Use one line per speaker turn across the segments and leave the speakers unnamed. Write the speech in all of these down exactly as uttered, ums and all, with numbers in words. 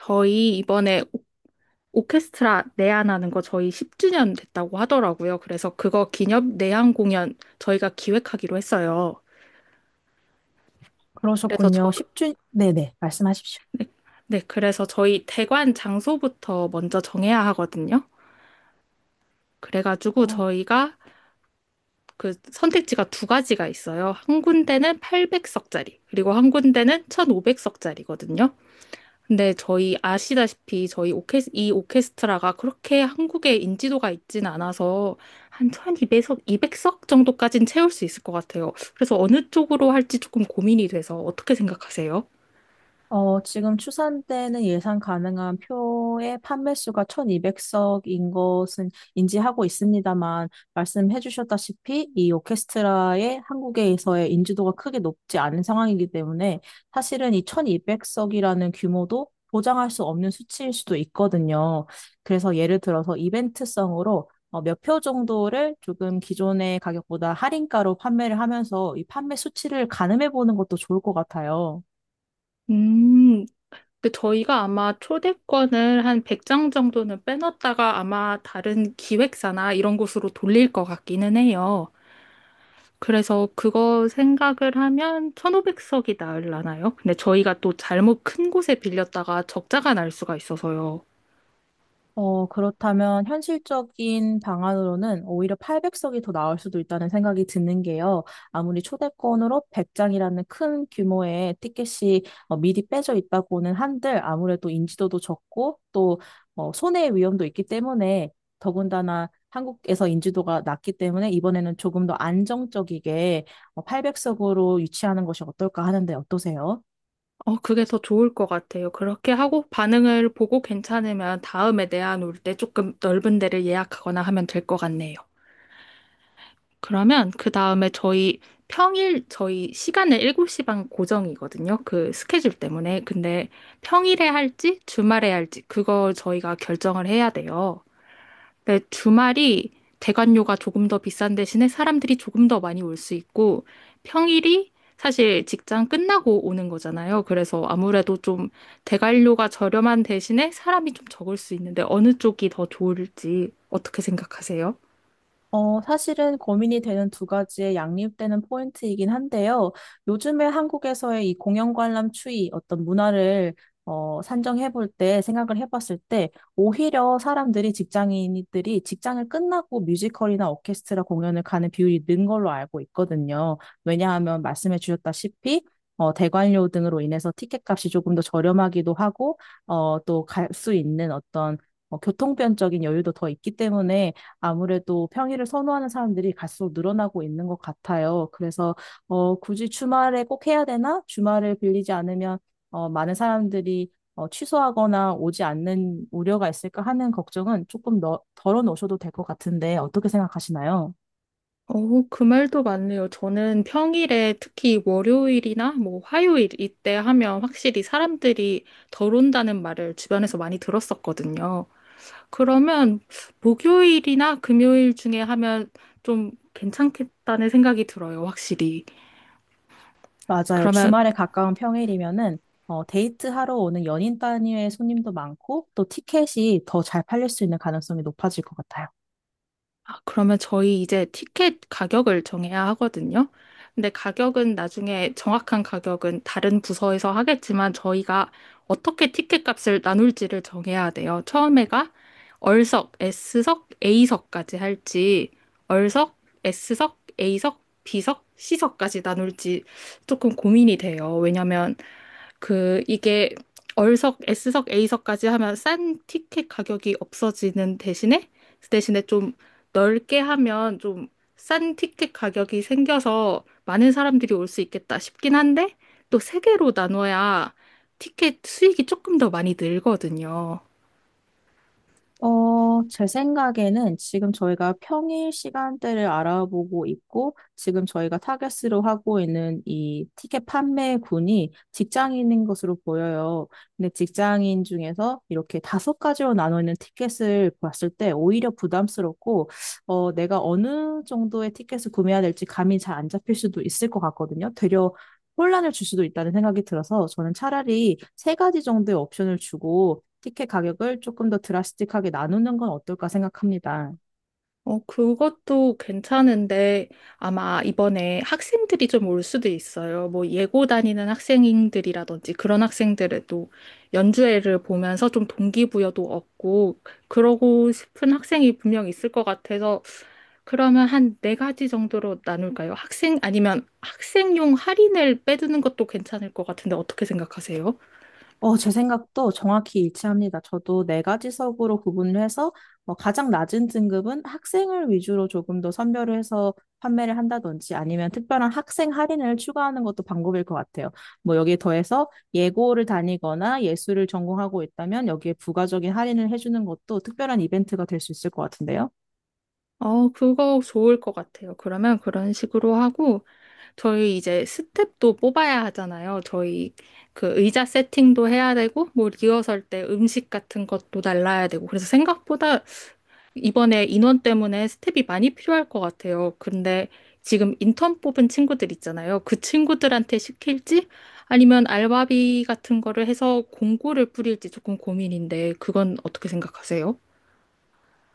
저희 이번에 오케스트라 내한하는 거 저희 십 주년 됐다고 하더라고요. 그래서 그거 기념 내한 공연 저희가 기획하기로 했어요. 그래서 저,
그러셨군요. 십주 네네, 말씀하십시오.
네, 그래서 저희 대관 장소부터 먼저 정해야 하거든요. 그래가지고
어,
저희가 그 선택지가 두 가지가 있어요. 한 군데는 팔백 석짜리, 그리고 한 군데는 천오백 석짜리거든요. 근데 저희 아시다시피 저희 오케스, 이 오케스트라가 그렇게 한국에 인지도가 있진 않아서 한 천이백 석, 이백석 정도까진 채울 수 있을 것 같아요. 그래서 어느 쪽으로 할지 조금 고민이 돼서 어떻게 생각하세요?
어, 지금 추산 때는 예상 가능한 표의 판매 수가 천이백 석인 것은 인지하고 있습니다만, 말씀해 주셨다시피 이 오케스트라의 한국에서의 인지도가 크게 높지 않은 상황이기 때문에 사실은 이 천이백 석이라는 규모도 보장할 수 없는 수치일 수도 있거든요. 그래서 예를 들어서 이벤트성으로 어, 몇 표 정도를 조금 기존의 가격보다 할인가로 판매를 하면서 이 판매 수치를 가늠해 보는 것도 좋을 것 같아요.
음, 근데 저희가 아마 초대권을 한 백 장 정도는 빼놨다가 아마 다른 기획사나 이런 곳으로 돌릴 것 같기는 해요. 그래서 그거 생각을 하면 천오백 석이 나으려나요? 근데 저희가 또 잘못 큰 곳에 빌렸다가 적자가 날 수가 있어서요.
어, 그렇다면 현실적인 방안으로는 오히려 팔백 석이 더 나올 수도 있다는 생각이 드는 게요. 아무리 초대권으로 백 장이라는 큰 규모의 티켓이 어, 미리 빼져 있다고는 한들 아무래도 인지도도 적고 또 어, 손해의 위험도 있기 때문에 더군다나 한국에서 인지도가 낮기 때문에 이번에는 조금 더 안정적이게 팔백 석으로 유치하는 것이 어떨까 하는데 어떠세요?
어, 그게 더 좋을 것 같아요. 그렇게 하고 반응을 보고 괜찮으면 다음에 내한 올 때 조금 넓은 데를 예약하거나 하면 될 것 같네요. 그러면 그 다음에 저희 평일 저희 시간을 일곱 시 반 고정이거든요. 그 스케줄 때문에. 근데 평일에 할지 주말에 할지 그걸 저희가 결정을 해야 돼요. 네, 주말이 대관료가 조금 더 비싼 대신에 사람들이 조금 더 많이 올 수 있고, 평일이 사실 직장 끝나고 오는 거잖아요. 그래서 아무래도 좀 대관료가 저렴한 대신에 사람이 좀 적을 수 있는데 어느 쪽이 더 좋을지 어떻게 생각하세요?
어, 사실은 고민이 되는 두 가지의 양립되는 포인트이긴 한데요. 요즘에 한국에서의 이 공연 관람 추이, 어떤 문화를 어, 산정해 볼 때, 생각을 해 봤을 때, 오히려 사람들이, 직장인들이 직장을 끝나고 뮤지컬이나 오케스트라 공연을 가는 비율이 는 걸로 알고 있거든요. 왜냐하면 말씀해 주셨다시피, 어, 대관료 등으로 인해서 티켓값이 조금 더 저렴하기도 하고, 어, 또 갈 수 있는 어떤 어, 교통편적인 여유도 더 있기 때문에 아무래도 평일을 선호하는 사람들이 갈수록 늘어나고 있는 것 같아요. 그래서 어, 굳이 주말에 꼭 해야 되나? 주말을 빌리지 않으면 어, 많은 사람들이 어, 취소하거나 오지 않는 우려가 있을까 하는 걱정은 조금 더 덜어놓으셔도 될 것 같은데 어떻게 생각하시나요?
어, 그 말도 맞네요. 저는 평일에 특히 월요일이나 뭐 화요일 이때 하면 확실히 사람들이 덜 온다는 말을 주변에서 많이 들었었거든요. 그러면 목요일이나 금요일 중에 하면 좀 괜찮겠다는 생각이 들어요, 확실히.
맞아요.
그러면,
주말에 가까운 평일이면은 어, 데이트하러 오는 연인 단위의 손님도 많고 또 티켓이 더 잘 팔릴 수 있는 가능성이 높아질 것 같아요.
아, 그러면 저희 이제 티켓 가격을 정해야 하거든요. 근데 가격은 나중에 정확한 가격은 다른 부서에서 하겠지만 저희가 어떻게 티켓 값을 나눌지를 정해야 돼요. 처음에가 얼석, S석, A석까지 할지, 얼석, S석, A석, B석, C석까지 나눌지 조금 고민이 돼요. 왜냐면 그 이게 얼석, S석, A석까지 하면 싼 티켓 가격이 없어지는 대신에 그 대신에 좀 넓게 하면 좀 싼 티켓 가격이 생겨서 많은 사람들이 올 수 있겠다 싶긴 한데 또 세 개로 나눠야 티켓 수익이 조금 더 많이 늘거든요.
어, 제 생각에는 지금 저희가 평일 시간대를 알아보고 있고, 지금 저희가 타겟으로 하고 있는 이 티켓 판매군이 직장인인 것으로 보여요. 근데 직장인 중에서 이렇게 다섯 가지로 나눠 있는 티켓을 봤을 때 오히려 부담스럽고, 어, 내가 어느 정도의 티켓을 구매해야 될지 감이 잘 안 잡힐 수도 있을 것 같거든요. 되려 혼란을 줄 수도 있다는 생각이 들어서 저는 차라리 세 가지 정도의 옵션을 주고 티켓 가격을 조금 더 드라스틱하게 나누는 건 어떨까 생각합니다.
어, 그것도 괜찮은데 아마 이번에 학생들이 좀 올 수도 있어요. 뭐 예고 다니는 학생들이라든지 그런 학생들에도 연주회를 보면서 좀 동기부여도 얻고 그러고 싶은 학생이 분명 있을 것 같아서 그러면 한 네 가지 정도로 나눌까요? 학생 아니면 학생용 할인을 빼두는 것도 괜찮을 것 같은데 어떻게 생각하세요?
어, 제 생각도 정확히 일치합니다. 저도 네 가지석으로 구분을 해서 어, 가장 낮은 등급은 학생을 위주로 조금 더 선별을 해서 판매를 한다든지 아니면 특별한 학생 할인을 추가하는 것도 방법일 것 같아요. 뭐 여기에 더해서 예고를 다니거나 예술을 전공하고 있다면 여기에 부가적인 할인을 해주는 것도 특별한 이벤트가 될 수 있을 것 같은데요.
어, 그거 좋을 것 같아요. 그러면 그런 식으로 하고 저희 이제 스텝도 뽑아야 하잖아요. 저희 그 의자 세팅도 해야 되고, 뭐 리허설 때 음식 같은 것도 날라야 되고. 그래서 생각보다 이번에 인원 때문에 스텝이 많이 필요할 것 같아요. 근데 지금 인턴 뽑은 친구들 있잖아요. 그 친구들한테 시킬지 아니면 알바비 같은 거를 해서 공고를 뿌릴지 조금 고민인데, 그건 어떻게 생각하세요?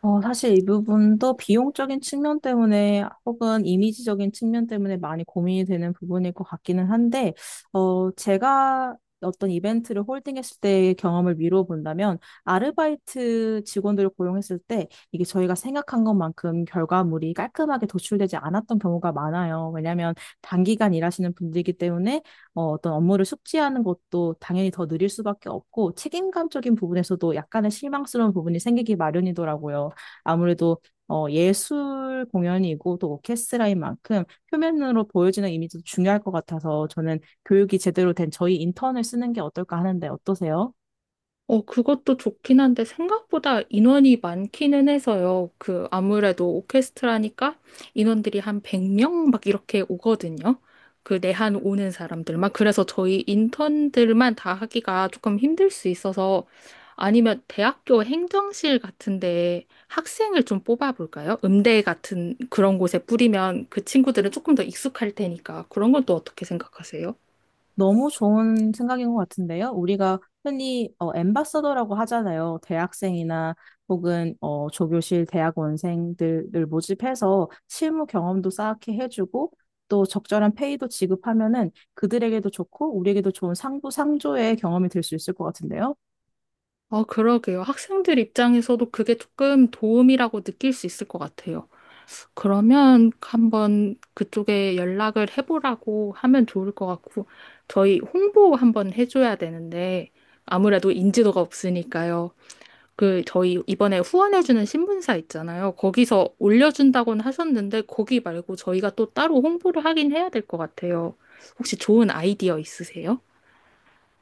어, 사실 이 부분도 비용적인 측면 때문에 혹은 이미지적인 측면 때문에 많이 고민이 되는 부분일 것 같기는 한데, 어, 제가 어떤 이벤트를 홀딩했을 때의 경험을 미루어 본다면, 아르바이트 직원들을 고용했을 때 이게 저희가 생각한 것만큼 결과물이 깔끔하게 도출되지 않았던 경우가 많아요. 왜냐하면 단기간 일하시는 분들이기 때문에 어, 어떤 업무를 숙지하는 것도 당연히 더 느릴 수밖에 없고 책임감적인 부분에서도 약간의 실망스러운 부분이 생기기 마련이더라고요. 아무래도 어, 예술 공연이고 또 오케스트라인 만큼 표면으로 보여지는 이미지도 중요할 것 같아서 저는 교육이 제대로 된 저희 인턴을 쓰는 게 어떨까 하는데 어떠세요?
어, 그것도 좋긴 한데 생각보다 인원이 많기는 해서요. 그 아무래도 오케스트라니까 인원들이 한 백 명 막 이렇게 오거든요. 그 내한 오는 사람들만. 그래서 저희 인턴들만 다 하기가 조금 힘들 수 있어서 아니면 대학교 행정실 같은데 학생을 좀 뽑아볼까요? 음대 같은 그런 곳에 뿌리면 그 친구들은 조금 더 익숙할 테니까 그런 건 또 어떻게 생각하세요?
너무 좋은 생각인 것 같은데요. 우리가 흔히 어, 앰바서더라고 하잖아요. 대학생이나 혹은 어, 조교실 대학원생들을 모집해서 실무 경험도 쌓게 해주고 또 적절한 페이도 지급하면은 그들에게도 좋고 우리에게도 좋은 상부 상조의 경험이 될 수 있을 것 같은데요.
어, 그러게요. 학생들 입장에서도 그게 조금 도움이라고 느낄 수 있을 것 같아요. 그러면 한번 그쪽에 연락을 해보라고 하면 좋을 것 같고, 저희 홍보 한번 해줘야 되는데, 아무래도 인지도가 없으니까요. 그, 저희 이번에 후원해주는 신문사 있잖아요. 거기서 올려준다고는 하셨는데, 거기 말고 저희가 또 따로 홍보를 하긴 해야 될 것 같아요. 혹시 좋은 아이디어 있으세요?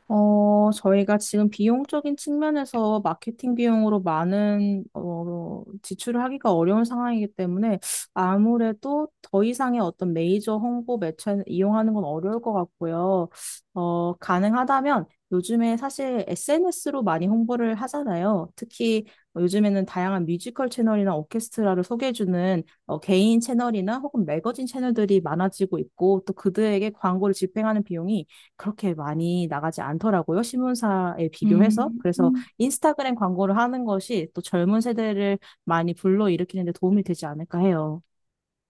어, 저희가 지금 비용적인 측면에서 마케팅 비용으로 많은 어, 지출을 하기가 어려운 상황이기 때문에 아무래도 더 이상의 어떤 메이저 홍보 매체는 이용하는 건 어려울 것 같고요. 어, 가능하다면 요즘에 사실 에스엔에스로 많이 홍보를 하잖아요. 특히 요즘에는 다양한 뮤지컬 채널이나 오케스트라를 소개해주는 어, 개인 채널이나 혹은 매거진 채널들이 많아지고 있고 또 그들에게 광고를 집행하는 비용이 그렇게 많이 나가지 않더라고요. 신문사에 비교해서.
음.
그래서 인스타그램 광고를 하는 것이 또 젊은 세대를 많이 불러일으키는 데 도움이 되지 않을까 해요.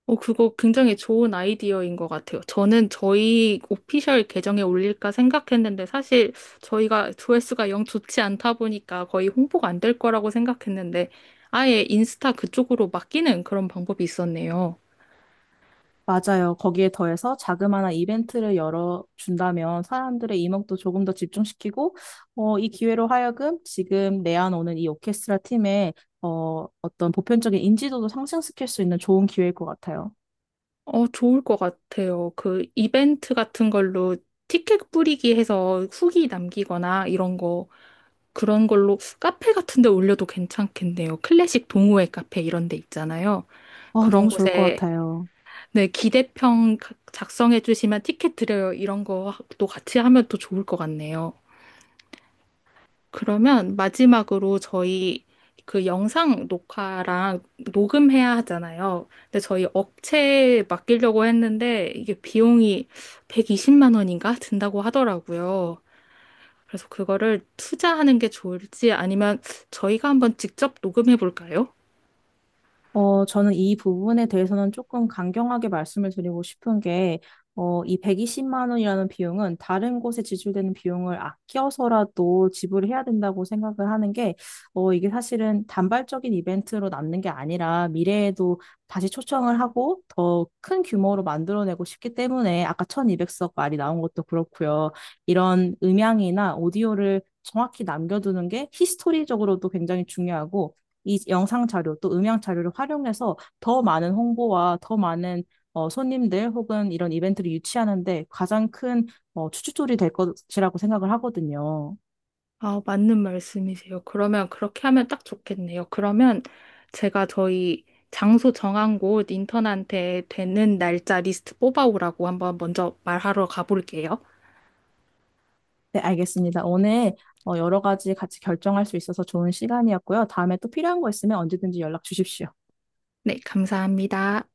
어, 그거 굉장히 좋은 아이디어인 것 같아요. 저는 저희 오피셜 계정에 올릴까 생각했는데 사실 저희가 조회수가 영 좋지 않다 보니까 거의 홍보가 안 될 거라고 생각했는데 아예 인스타 그쪽으로 맡기는 그런 방법이 있었네요.
맞아요. 거기에 더해서 자그마한 이벤트를 열어준다면 사람들의 이목도 조금 더 집중시키고, 어, 이 기회로 하여금 지금 내한 오는 이 오케스트라 팀의 어, 어떤 보편적인 인지도도 상승시킬 수 있는 좋은 기회일 것 같아요.
어, 좋을 것 같아요. 그 이벤트 같은 걸로 티켓 뿌리기 해서 후기 남기거나 이런 거 그런 걸로 카페 같은 데 올려도 괜찮겠네요. 클래식 동호회 카페 이런 데 있잖아요.
어,
그런
너무 좋을 것
곳에
같아요.
네, 기대평 작성해 주시면 티켓 드려요. 이런 거도 같이 하면 또 좋을 것 같네요. 그러면 마지막으로 저희 그 영상 녹화랑 녹음해야 하잖아요. 근데 저희 업체에 맡기려고 했는데 이게 비용이 백이십만 원인가 든다고 하더라고요. 그래서 그거를 투자하는 게 좋을지 아니면 저희가 한번 직접 녹음해 볼까요?
어, 저는 이 부분에 대해서는 조금 강경하게 말씀을 드리고 싶은 게, 어, 이 백이십만 원이라는 비용은 다른 곳에 지출되는 비용을 아껴서라도 지불해야 된다고 생각을 하는 게, 어, 이게 사실은 단발적인 이벤트로 남는 게 아니라 미래에도 다시 초청을 하고 더 큰 규모로 만들어내고 싶기 때문에 아까 천이백 석 말이 나온 것도 그렇고요. 이런 음향이나 오디오를 정확히 남겨두는 게 히스토리적으로도 굉장히 중요하고, 이 영상 자료 또 음향 자료를 활용해서 더 많은 홍보와 더 많은 어, 손님들 혹은 이런 이벤트를 유치하는데 가장 큰 어, 추진돌이 될 것이라고 생각을 하거든요.
아, 맞는 말씀이세요. 그러면 그렇게 하면 딱 좋겠네요. 그러면 제가 저희 장소 정한 곳 인턴한테 되는 날짜 리스트 뽑아오라고 한번 먼저 말하러 가볼게요.
네, 알겠습니다. 오늘 어, 여러 가지 같이 결정할 수 있어서 좋은 시간이었고요. 다음에 또 필요한 거 있으면 언제든지 연락 주십시오.
네, 감사합니다.